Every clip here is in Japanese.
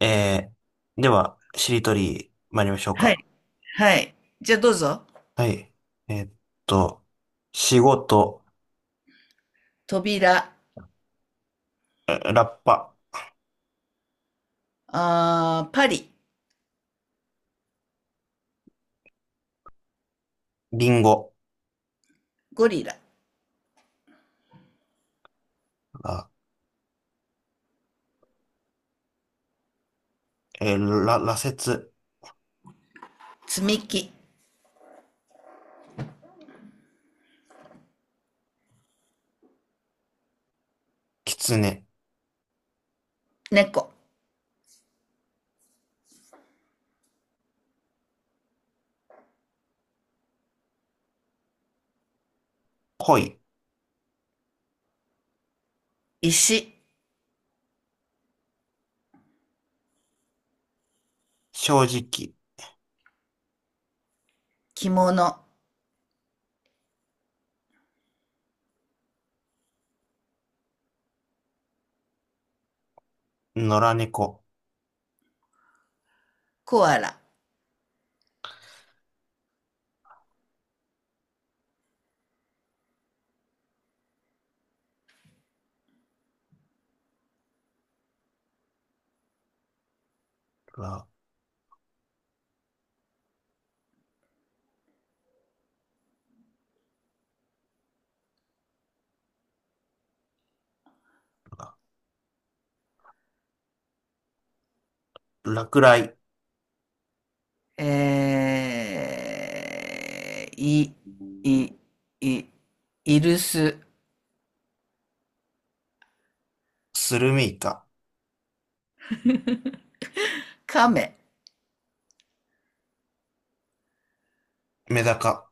えでは、しりとり参りましょうはか。い。はい。じゃあどうぞ。はい。えーっと、仕事、扉、ラッパ、パリ、リンゴ、ゴリラ、あえーら、羅刹、積み木、狐、猫、恋、石、正直、着物、野良猫、コアラ、ら、落雷、えー、い、い、い、イルス、スルメイカ、カメ、メダカ、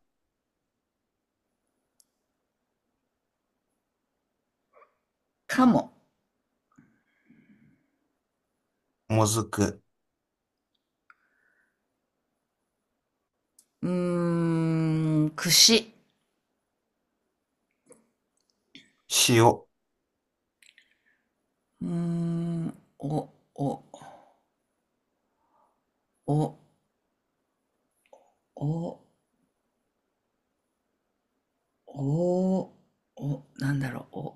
カモ、モズク、うーん、串、塩、うーん、お、お、お、お、お、お、なんだろう、お、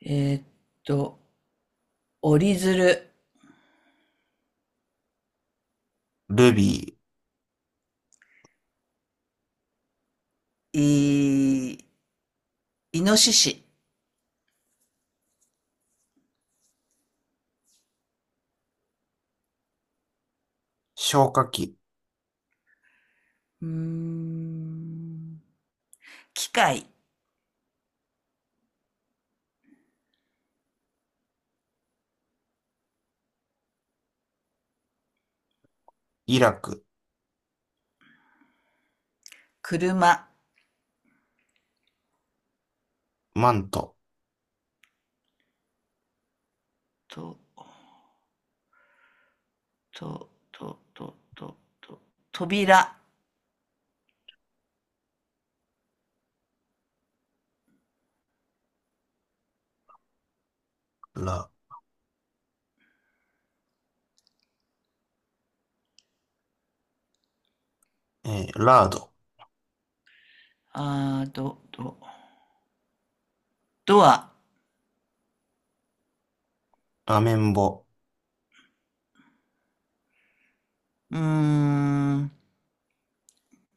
えーっと、折り鶴、ルビー、イノシシ、消火器、うーん。機械、イラク、車、マント、と、と、と、と、と、と、扉、ら、えーラード、あー、ど、ど、ドア、アメンボ、うーん、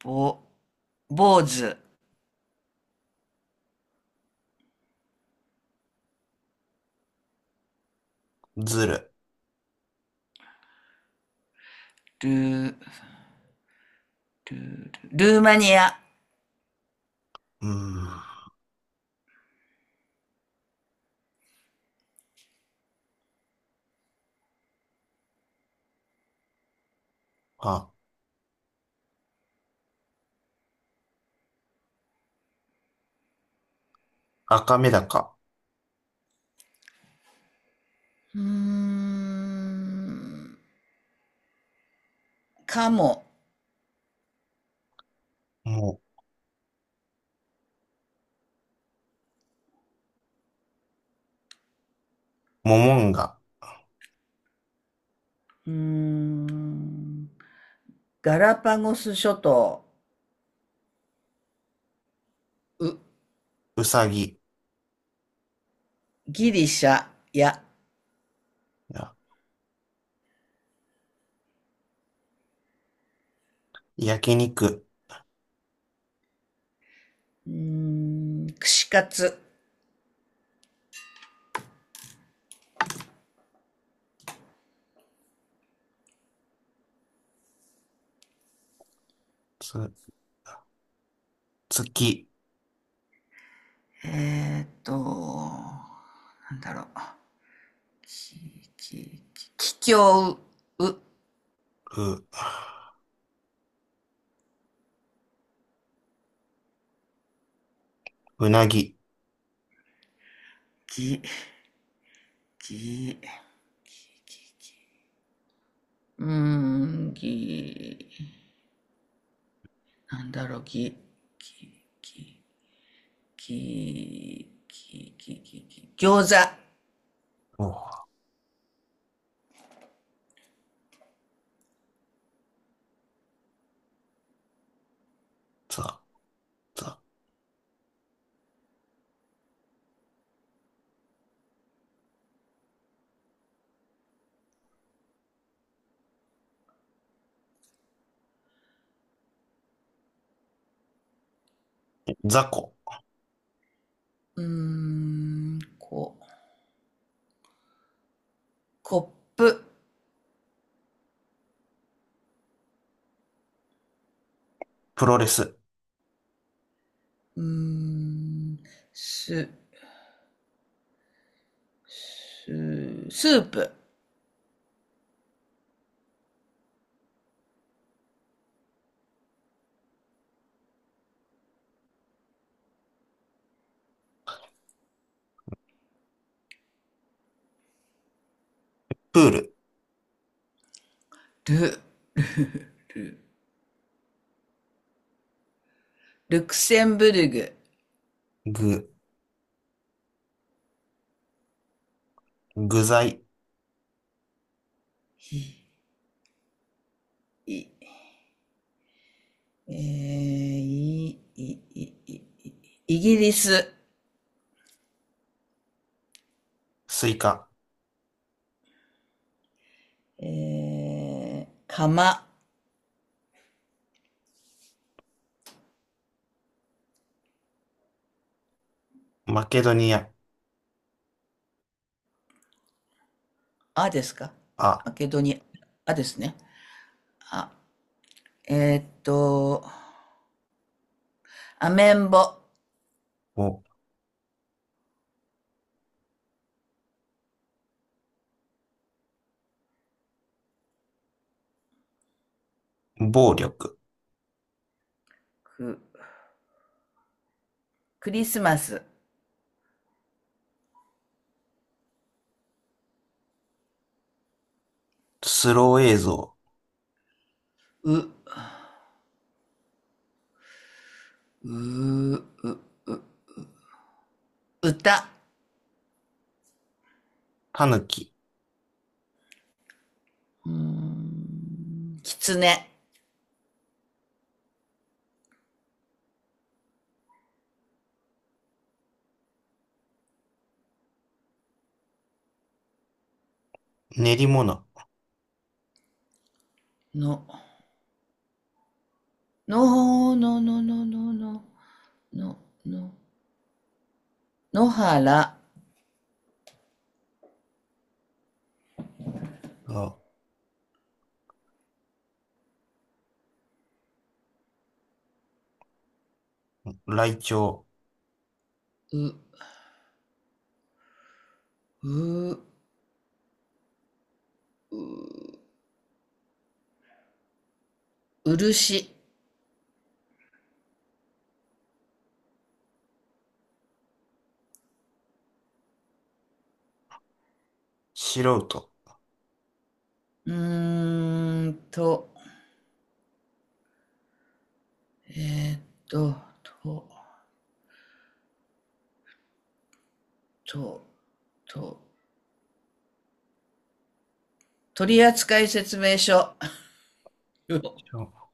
ぼ、坊主、ズル、ルー、ルー、ルルーマニア、うーん、あ、赤メダカ、うーん。カモ、もモモンガ、うーん。ガラパゴス諸島、う、ウサギ、ギリシャや。や焼肉、うーん、串カツ。つ、月、なんだろう。き、き、き、きょう、う、う、うなぎ、ぎ、ぎ、ぎ、ぎうーん、なんだろう、ぎ、ぎ、ぎ、ぎ、ぎ、ぎ、ぎ、餃子。おう、ざ、ざ、雑、うーん、コップ。プロレス、うーん、す、スープ。プール、ル、ル、ル。ルクセンブルグ、ぐ、具材、い、えー、い、い、い、イギリス、スイカ、えー、かま、マケドニア、あですか？あ、マケドニア、あですね。あ、えーっと、アメンボ、お、暴力、く、クリスマス、スロー映像、う、う、う、歌、タヌキ、うーん、キツネ、練り物、の、の、の、の、の、の、の、の、の、原、お、ライチョウ、う、う、漆。素人、うーんと、と、と、と、と、取扱説明書。よ。消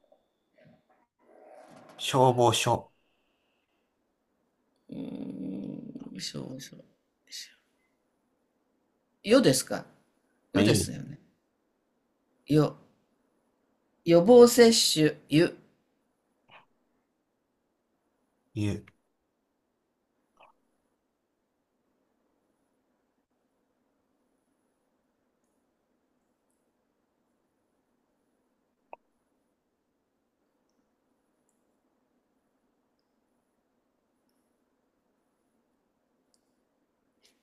消防署、うーん、しょ、しょ、しょ。よですか？よゆ、ですよね。よ。予防接種、ゆ。ゆ、